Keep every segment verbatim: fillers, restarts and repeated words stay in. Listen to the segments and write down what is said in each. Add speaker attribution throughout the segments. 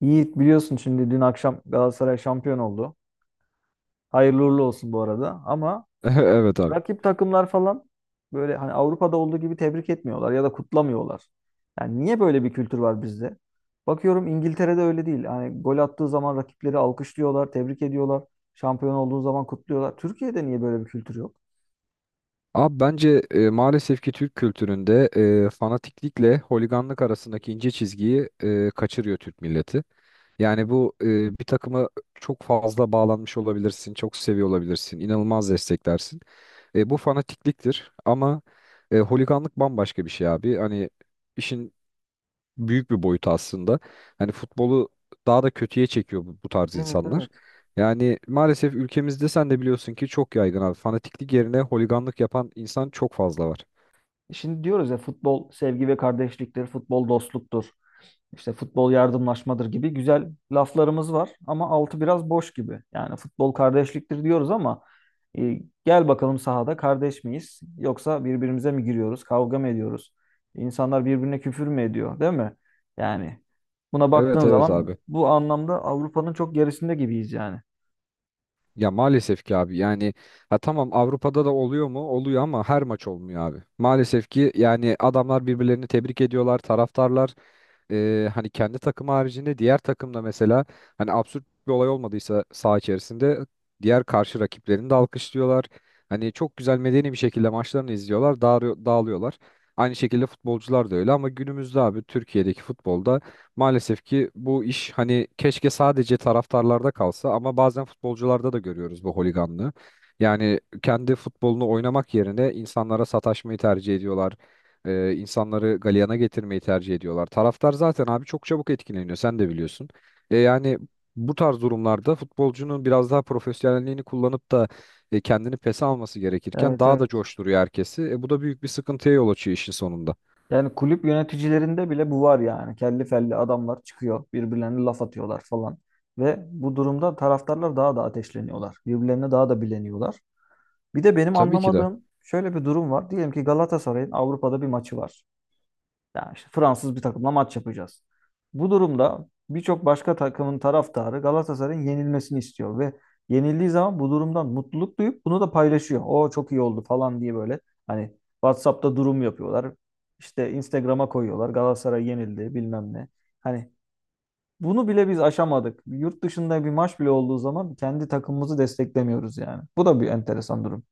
Speaker 1: Yiğit biliyorsun şimdi dün akşam Galatasaray şampiyon oldu. Hayırlı uğurlu olsun bu arada. Ama
Speaker 2: Evet abi.
Speaker 1: rakip takımlar falan böyle hani Avrupa'da olduğu gibi tebrik etmiyorlar ya da kutlamıyorlar. Yani niye böyle bir kültür var bizde? Bakıyorum İngiltere'de öyle değil. Hani gol attığı zaman rakipleri alkışlıyorlar, tebrik ediyorlar. Şampiyon olduğu zaman kutluyorlar. Türkiye'de niye böyle bir kültür yok?
Speaker 2: Abi bence e, maalesef ki Türk kültüründe e, fanatiklikle holiganlık arasındaki ince çizgiyi e, kaçırıyor Türk milleti. Yani bu e, bir takıma çok fazla bağlanmış olabilirsin, çok seviyor olabilirsin, inanılmaz desteklersin. E, bu fanatikliktir ama e, holiganlık bambaşka bir şey abi. Hani işin büyük bir boyut aslında. Hani futbolu daha da kötüye çekiyor bu, bu tarz
Speaker 1: Evet,
Speaker 2: insanlar.
Speaker 1: evet.
Speaker 2: Yani maalesef ülkemizde sen de biliyorsun ki çok yaygın abi. Fanatiklik yerine holiganlık yapan insan çok fazla var.
Speaker 1: Şimdi diyoruz ya futbol sevgi ve kardeşliktir, futbol dostluktur. İşte futbol yardımlaşmadır gibi güzel laflarımız var ama altı biraz boş gibi. Yani futbol kardeşliktir diyoruz ama e, gel bakalım sahada kardeş miyiz yoksa birbirimize mi giriyoruz, kavga mı ediyoruz? İnsanlar birbirine küfür mü ediyor, değil mi? Yani buna
Speaker 2: Evet
Speaker 1: baktığın
Speaker 2: evet
Speaker 1: zaman
Speaker 2: abi.
Speaker 1: bu anlamda Avrupa'nın çok gerisinde gibiyiz yani.
Speaker 2: Ya maalesef ki abi yani ha tamam Avrupa'da da oluyor mu? Oluyor ama her maç olmuyor abi. Maalesef ki yani adamlar birbirlerini tebrik ediyorlar, taraftarlar e, hani kendi takım haricinde diğer takımda mesela hani absürt bir olay olmadıysa saha içerisinde diğer karşı rakiplerini de alkışlıyorlar. Hani çok güzel medeni bir şekilde maçlarını izliyorlar, dağılıyor- dağılıyorlar. Aynı şekilde futbolcular da öyle ama günümüzde abi Türkiye'deki futbolda maalesef ki bu iş hani keşke sadece taraftarlarda kalsa ama bazen futbolcularda da görüyoruz bu holiganlığı. Yani kendi futbolunu oynamak yerine insanlara sataşmayı tercih ediyorlar. Ee, insanları galeyana getirmeyi tercih ediyorlar. Taraftar zaten abi çok çabuk etkileniyor sen de biliyorsun. E, yani bu tarz durumlarda futbolcunun biraz daha profesyonelliğini kullanıp da e, kendini pes alması gerekirken
Speaker 1: Evet,
Speaker 2: daha da
Speaker 1: evet.
Speaker 2: coşturuyor herkesi. E, bu da büyük bir sıkıntıya yol açıyor işin sonunda.
Speaker 1: Yani kulüp yöneticilerinde bile bu var yani. Kelli felli adamlar çıkıyor, birbirlerine laf atıyorlar falan. Ve bu durumda taraftarlar daha da ateşleniyorlar. Birbirlerine daha da bileniyorlar. Bir de
Speaker 2: E,
Speaker 1: benim
Speaker 2: tabii ki de.
Speaker 1: anlamadığım şöyle bir durum var. Diyelim ki Galatasaray'ın Avrupa'da bir maçı var. Yani işte Fransız bir takımla maç yapacağız. Bu durumda birçok başka takımın taraftarı Galatasaray'ın yenilmesini istiyor ve yenildiği zaman bu durumdan mutluluk duyup bunu da paylaşıyor. O çok iyi oldu falan diye böyle hani WhatsApp'ta durum yapıyorlar. İşte Instagram'a koyuyorlar. Galatasaray yenildi bilmem ne. Hani bunu bile biz aşamadık. Yurt dışında bir maç bile olduğu zaman kendi takımımızı desteklemiyoruz yani. Bu da bir enteresan durum.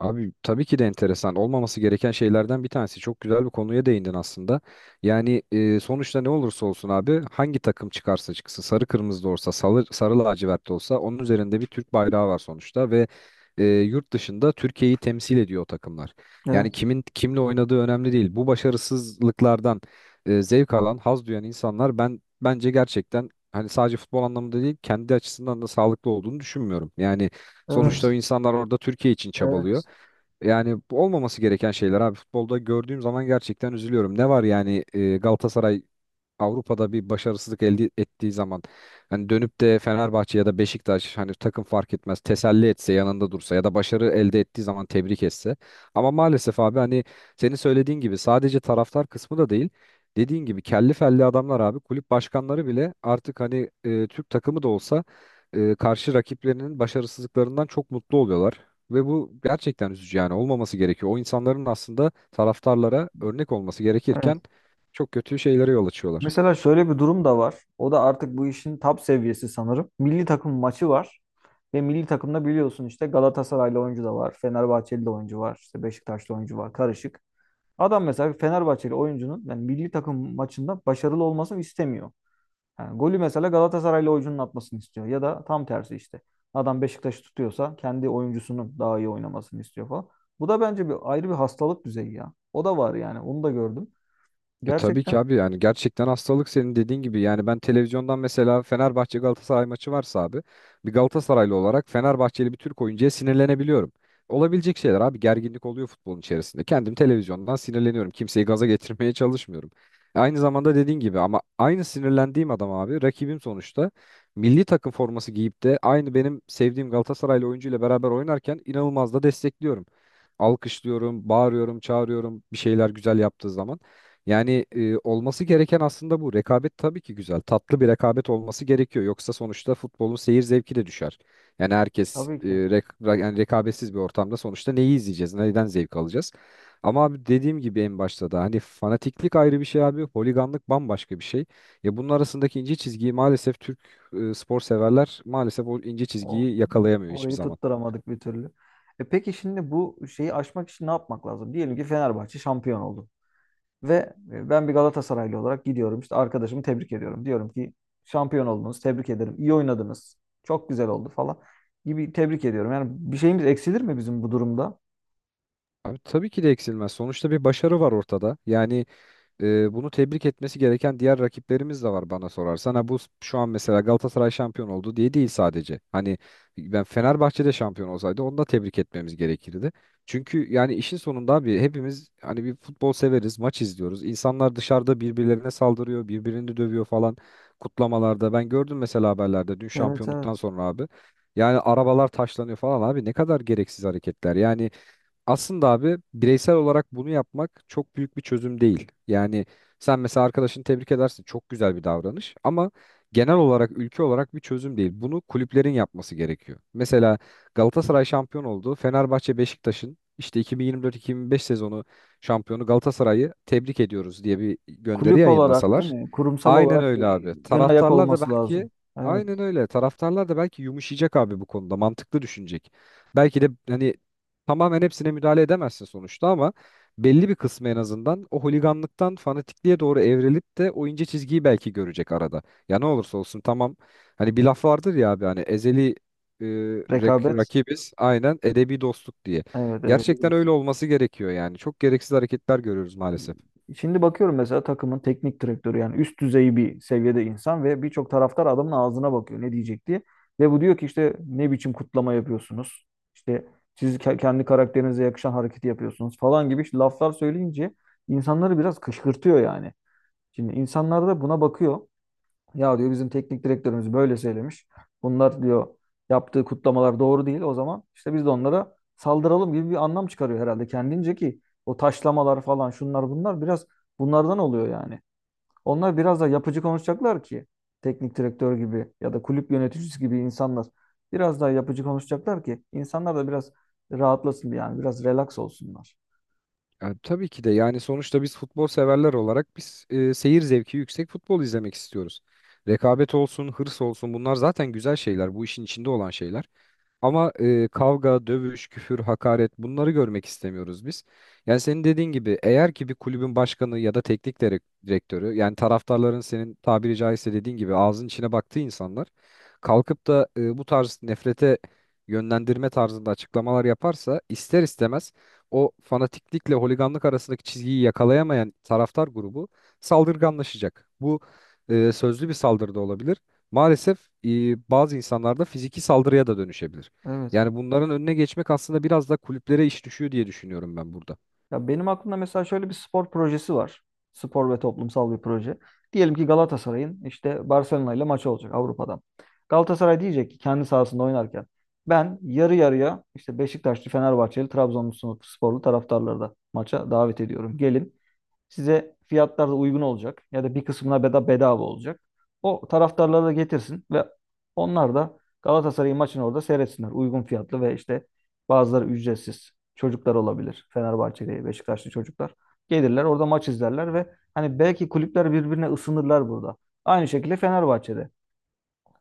Speaker 2: Abi tabii ki de enteresan. Olmaması gereken şeylerden bir tanesi. Çok güzel bir konuya değindin aslında. Yani e, sonuçta ne olursa olsun abi hangi takım çıkarsa çıksın sarı kırmızı da olsa sarı, sarı lacivert de olsa onun üzerinde bir Türk bayrağı var sonuçta ve e, yurt dışında Türkiye'yi temsil ediyor o takımlar. Yani
Speaker 1: Evet,
Speaker 2: kimin kimle oynadığı önemli değil. Bu başarısızlıklardan e, zevk alan, haz duyan insanlar ben bence gerçekten hani sadece futbol anlamında değil kendi açısından da sağlıklı olduğunu düşünmüyorum. Yani sonuçta o
Speaker 1: evet,
Speaker 2: insanlar orada Türkiye için çabalıyor.
Speaker 1: evet,
Speaker 2: Yani bu olmaması gereken şeyler abi futbolda gördüğüm zaman gerçekten üzülüyorum. Ne var yani e, Galatasaray Avrupa'da bir başarısızlık elde ettiği zaman hani dönüp de Fenerbahçe ya da Beşiktaş hani takım fark etmez teselli etse yanında dursa ya da başarı elde ettiği zaman tebrik etse. Ama maalesef abi hani senin söylediğin gibi sadece taraftar kısmı da değil. Dediğin gibi kelli felli adamlar abi kulüp başkanları bile artık hani e, Türk takımı da olsa e, karşı rakiplerinin başarısızlıklarından çok mutlu oluyorlar. Ve bu gerçekten üzücü yani olmaması gerekiyor. O insanların aslında taraftarlara örnek olması gerekirken
Speaker 1: evet.
Speaker 2: çok kötü şeylere yol açıyorlar.
Speaker 1: Mesela şöyle bir durum da var. O da artık bu işin top seviyesi sanırım. Milli takım maçı var. Ve milli takımda biliyorsun işte Galatasaraylı oyuncu da var. Fenerbahçeli de oyuncu var. İşte Beşiktaşlı oyuncu var. Karışık. Adam mesela Fenerbahçeli oyuncunun yani milli takım maçında başarılı olmasını istemiyor. Yani golü mesela Galatasaraylı oyuncunun atmasını istiyor. Ya da tam tersi işte. Adam Beşiktaş'ı tutuyorsa kendi oyuncusunun daha iyi oynamasını istiyor falan. Bu da bence bir ayrı bir hastalık düzeyi ya. O da var yani. Onu da gördüm.
Speaker 2: E tabii ki
Speaker 1: Gerçekten.
Speaker 2: abi yani gerçekten hastalık senin dediğin gibi yani ben televizyondan mesela Fenerbahçe Galatasaray maçı varsa abi bir Galatasaraylı olarak Fenerbahçeli bir Türk oyuncuya sinirlenebiliyorum. Olabilecek şeyler abi gerginlik oluyor futbolun içerisinde. Kendim televizyondan sinirleniyorum. Kimseyi gaza getirmeye çalışmıyorum. Aynı zamanda dediğin gibi ama aynı sinirlendiğim adam abi rakibim sonuçta milli takım forması giyip de aynı benim sevdiğim Galatasaraylı oyuncuyla beraber oynarken inanılmaz da destekliyorum. Alkışlıyorum, bağırıyorum, çağırıyorum bir şeyler güzel yaptığı zaman. Yani e, olması gereken aslında bu. Rekabet tabii ki güzel. Tatlı bir rekabet olması gerekiyor. Yoksa sonuçta futbolun seyir zevki de düşer. Yani herkes
Speaker 1: Tabii
Speaker 2: e,
Speaker 1: ki.
Speaker 2: rek- ra- yani rekabetsiz bir ortamda sonuçta neyi izleyeceğiz, neyden zevk alacağız? Ama abi dediğim gibi en başta da hani fanatiklik ayrı bir şey abi, holiganlık bambaşka bir şey. Ya bunun arasındaki ince çizgiyi maalesef Türk e, spor severler maalesef o ince
Speaker 1: O,
Speaker 2: çizgiyi
Speaker 1: o-
Speaker 2: yakalayamıyor hiçbir
Speaker 1: Orayı
Speaker 2: zaman.
Speaker 1: tutturamadık bir türlü. E peki şimdi bu şeyi aşmak için ne yapmak lazım? Diyelim ki Fenerbahçe şampiyon oldu. Ve e, ben bir Galatasaraylı olarak gidiyorum. İşte arkadaşımı tebrik ediyorum. Diyorum ki şampiyon oldunuz, tebrik ederim. İyi oynadınız. Çok güzel oldu falan gibi tebrik ediyorum. Yani bir şeyimiz eksilir mi bizim bu durumda?
Speaker 2: Abi tabii ki de eksilmez. Sonuçta bir başarı var ortada. Yani e, bunu tebrik etmesi gereken diğer rakiplerimiz de var bana sorarsan. Ha, bu s- şu an mesela Galatasaray şampiyon oldu diye değil sadece. Hani ben Fenerbahçe'de şampiyon olsaydı onu da tebrik etmemiz gerekirdi. Çünkü yani işin sonunda abi hepimiz hani bir futbol severiz, maç izliyoruz. İnsanlar dışarıda birbirlerine saldırıyor, birbirini dövüyor falan kutlamalarda. Ben gördüm mesela haberlerde dün
Speaker 1: Evet,
Speaker 2: şampiyonluktan
Speaker 1: evet.
Speaker 2: sonra abi. Yani arabalar taşlanıyor falan abi ne kadar gereksiz hareketler. Yani aslında abi bireysel olarak bunu yapmak çok büyük bir çözüm değil. Yani sen mesela arkadaşını tebrik edersin. Çok güzel bir davranış ama genel olarak ülke olarak bir çözüm değil. Bunu kulüplerin yapması gerekiyor. Mesela Galatasaray şampiyon oldu. Fenerbahçe Beşiktaş'ın işte iki bin yirmi dört-iki bin yirmi beş sezonu şampiyonu Galatasaray'ı tebrik ediyoruz diye bir gönderi
Speaker 1: Kulüp olarak değil
Speaker 2: yayınlasalar.
Speaker 1: mi? Kurumsal
Speaker 2: Aynen
Speaker 1: olarak
Speaker 2: öyle
Speaker 1: bir
Speaker 2: abi.
Speaker 1: ön ayak
Speaker 2: Taraftarlar da
Speaker 1: olması lazım.
Speaker 2: belki aynen
Speaker 1: Evet.
Speaker 2: öyle. Taraftarlar da belki yumuşayacak abi bu konuda. Mantıklı düşünecek. Belki de hani tamamen hepsine müdahale edemezsin sonuçta ama belli bir kısmı en azından o holiganlıktan fanatikliğe doğru evrilip de o ince çizgiyi belki görecek arada. Ya ne olursa olsun tamam hani bir laf vardır ya abi hani ezeli e, rak-
Speaker 1: Rekabet.
Speaker 2: rakibiz aynen edebi dostluk diye.
Speaker 1: Evet, evet.
Speaker 2: Gerçekten öyle olması gerekiyor yani. Çok gereksiz hareketler görüyoruz maalesef.
Speaker 1: Şimdi bakıyorum mesela takımın teknik direktörü yani üst düzey bir seviyede insan ve birçok taraftar adamın ağzına bakıyor ne diyecek diye. Ve bu diyor ki işte ne biçim kutlama yapıyorsunuz? İşte siz ke- kendi karakterinize yakışan hareketi yapıyorsunuz falan gibi laflar söyleyince insanları biraz kışkırtıyor yani. Şimdi insanlar da buna bakıyor. Ya diyor bizim teknik direktörümüz böyle söylemiş. Bunlar diyor yaptığı kutlamalar doğru değil. O zaman işte biz de onlara saldıralım gibi bir anlam çıkarıyor herhalde kendince ki o taşlamalar falan şunlar bunlar biraz bunlardan oluyor yani. Onlar biraz da yapıcı konuşacaklar ki teknik direktör gibi ya da kulüp yöneticisi gibi insanlar biraz daha yapıcı konuşacaklar ki insanlar da biraz rahatlasın yani biraz relax olsunlar.
Speaker 2: Ya tabii ki de yani sonuçta biz futbol severler olarak biz e, seyir zevki yüksek futbol izlemek istiyoruz. Rekabet olsun, hırs olsun bunlar zaten güzel şeyler, bu işin içinde olan şeyler. Ama e, kavga, dövüş, küfür, hakaret bunları görmek istemiyoruz biz. Yani senin dediğin gibi eğer ki bir kulübün başkanı ya da teknik direk- direktörü yani taraftarların senin tabiri caizse dediğin gibi ağzın içine baktığı insanlar kalkıp da e, bu tarz nefrete yönlendirme tarzında açıklamalar yaparsa ister istemez o fanatiklikle holiganlık arasındaki çizgiyi yakalayamayan taraftar grubu saldırganlaşacak. Bu e, sözlü bir saldırı da olabilir. Maalesef e, bazı insanlarda fiziki saldırıya da dönüşebilir.
Speaker 1: Evet.
Speaker 2: Yani bunların önüne geçmek aslında biraz da kulüplere iş düşüyor diye düşünüyorum ben burada.
Speaker 1: Ya benim aklımda mesela şöyle bir spor projesi var. Spor ve toplumsal bir proje. Diyelim ki Galatasaray'ın işte Barcelona ile maçı olacak Avrupa'da. Galatasaray diyecek ki kendi sahasında oynarken ben yarı yarıya işte Beşiktaşlı, Fenerbahçeli, Trabzonlu sporlu taraftarları da maça davet ediyorum. Gelin, Size fiyatlar da uygun olacak ya da bir kısmına beda bedava olacak. O taraftarları da getirsin ve onlar da Galatasaray maçını orada seyretsinler. Uygun fiyatlı ve işte bazıları ücretsiz çocuklar olabilir. Fenerbahçeli, Beşiktaşlı çocuklar. Gelirler orada maç izlerler ve hani belki kulüpler birbirine ısınırlar burada. Aynı şekilde Fenerbahçe'de.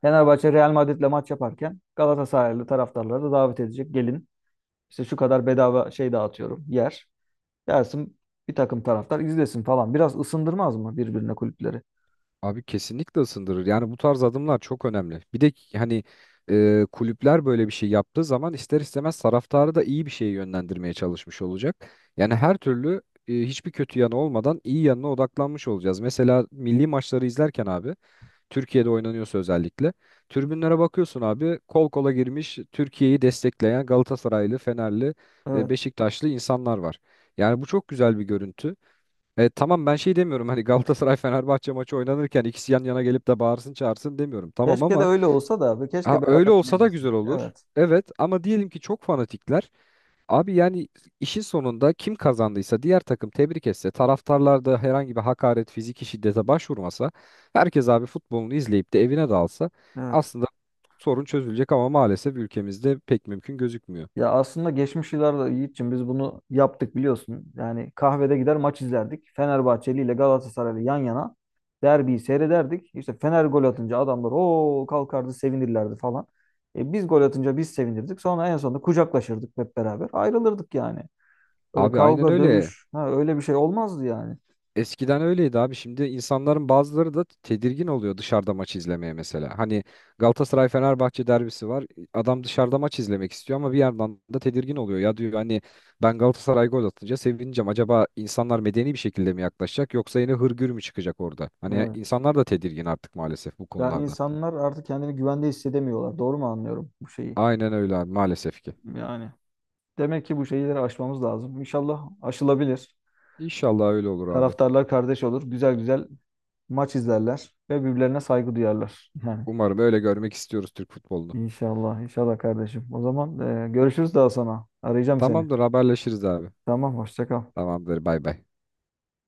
Speaker 1: Fenerbahçe Real Madrid'le maç yaparken Galatasaraylı taraftarları da davet edecek. Gelin, işte şu kadar bedava şey dağıtıyorum yer. Gelsin bir takım taraftar izlesin falan. Biraz ısındırmaz mı birbirine kulüpleri?
Speaker 2: Abi kesinlikle ısındırır. Yani bu tarz adımlar çok önemli. Bir de ki hani e, kulüpler böyle bir şey yaptığı zaman ister istemez taraftarı da iyi bir şeye yönlendirmeye çalışmış olacak. Yani her türlü e, hiçbir kötü yanı olmadan iyi yanına odaklanmış olacağız. Mesela milli maçları izlerken abi Türkiye'de oynanıyorsa özellikle tribünlere bakıyorsun abi kol kola girmiş Türkiye'yi destekleyen Galatasaraylı, Fenerli, e,
Speaker 1: Evet.
Speaker 2: Beşiktaşlı insanlar var. Yani bu çok güzel bir görüntü. E, tamam ben şey demiyorum hani Galatasaray Fenerbahçe maçı oynanırken ikisi yan yana gelip de bağırsın çağırsın demiyorum. Tamam
Speaker 1: Keşke de
Speaker 2: ama
Speaker 1: öyle olsa da ve
Speaker 2: ha,
Speaker 1: keşke
Speaker 2: öyle
Speaker 1: beraber
Speaker 2: olsa da
Speaker 1: izleyebilsek.
Speaker 2: güzel olur.
Speaker 1: Evet.
Speaker 2: Evet ama diyelim ki çok fanatikler. Abi yani işin sonunda kim kazandıysa diğer takım tebrik etse taraftarlar da herhangi bir hakaret fiziki şiddete başvurmasa herkes abi futbolunu izleyip de evine dalsa
Speaker 1: Evet.
Speaker 2: aslında sorun çözülecek ama maalesef ülkemizde pek mümkün gözükmüyor.
Speaker 1: Ya aslında geçmiş yıllarda Yiğit'ciğim biz bunu yaptık biliyorsun. Yani kahvede gider maç izlerdik. Fenerbahçeli ile Galatasaraylı yan yana derbiyi seyrederdik. İşte Fener gol atınca adamlar o kalkardı sevinirlerdi falan. E biz gol atınca biz sevinirdik. Sonra en sonunda kucaklaşırdık hep beraber. Ayrılırdık yani. Öyle
Speaker 2: Abi aynen
Speaker 1: kavga,
Speaker 2: öyle.
Speaker 1: dövüş, ha, öyle bir şey olmazdı yani.
Speaker 2: Eskiden öyleydi abi. Şimdi insanların bazıları da tedirgin oluyor dışarıda maç izlemeye mesela. Hani Galatasaray Fenerbahçe derbisi var. Adam dışarıda maç izlemek istiyor ama bir yandan da tedirgin oluyor. Ya diyor hani ben Galatasaray gol atınca sevineceğim. Acaba insanlar medeni bir şekilde mi yaklaşacak yoksa yine hırgür mü çıkacak orada? Hani
Speaker 1: Evet.
Speaker 2: insanlar da tedirgin artık maalesef bu
Speaker 1: Yani
Speaker 2: konulardan.
Speaker 1: insanlar artık kendini güvende hissedemiyorlar. Doğru mu anlıyorum bu şeyi?
Speaker 2: Aynen öyle abi maalesef ki.
Speaker 1: Yani demek ki bu şeyleri aşmamız lazım. İnşallah aşılabilir.
Speaker 2: İnşallah öyle olur abi.
Speaker 1: Taraftarlar kardeş olur. Güzel güzel maç izlerler ve birbirlerine saygı duyarlar. Yani
Speaker 2: Umarım öyle görmek istiyoruz Türk futbolunu.
Speaker 1: inşallah, inşallah kardeşim. O zaman e, görüşürüz daha sonra. Arayacağım seni.
Speaker 2: Tamamdır haberleşiriz abi.
Speaker 1: Tamam, hoşça kal.
Speaker 2: Tamamdır bay bay.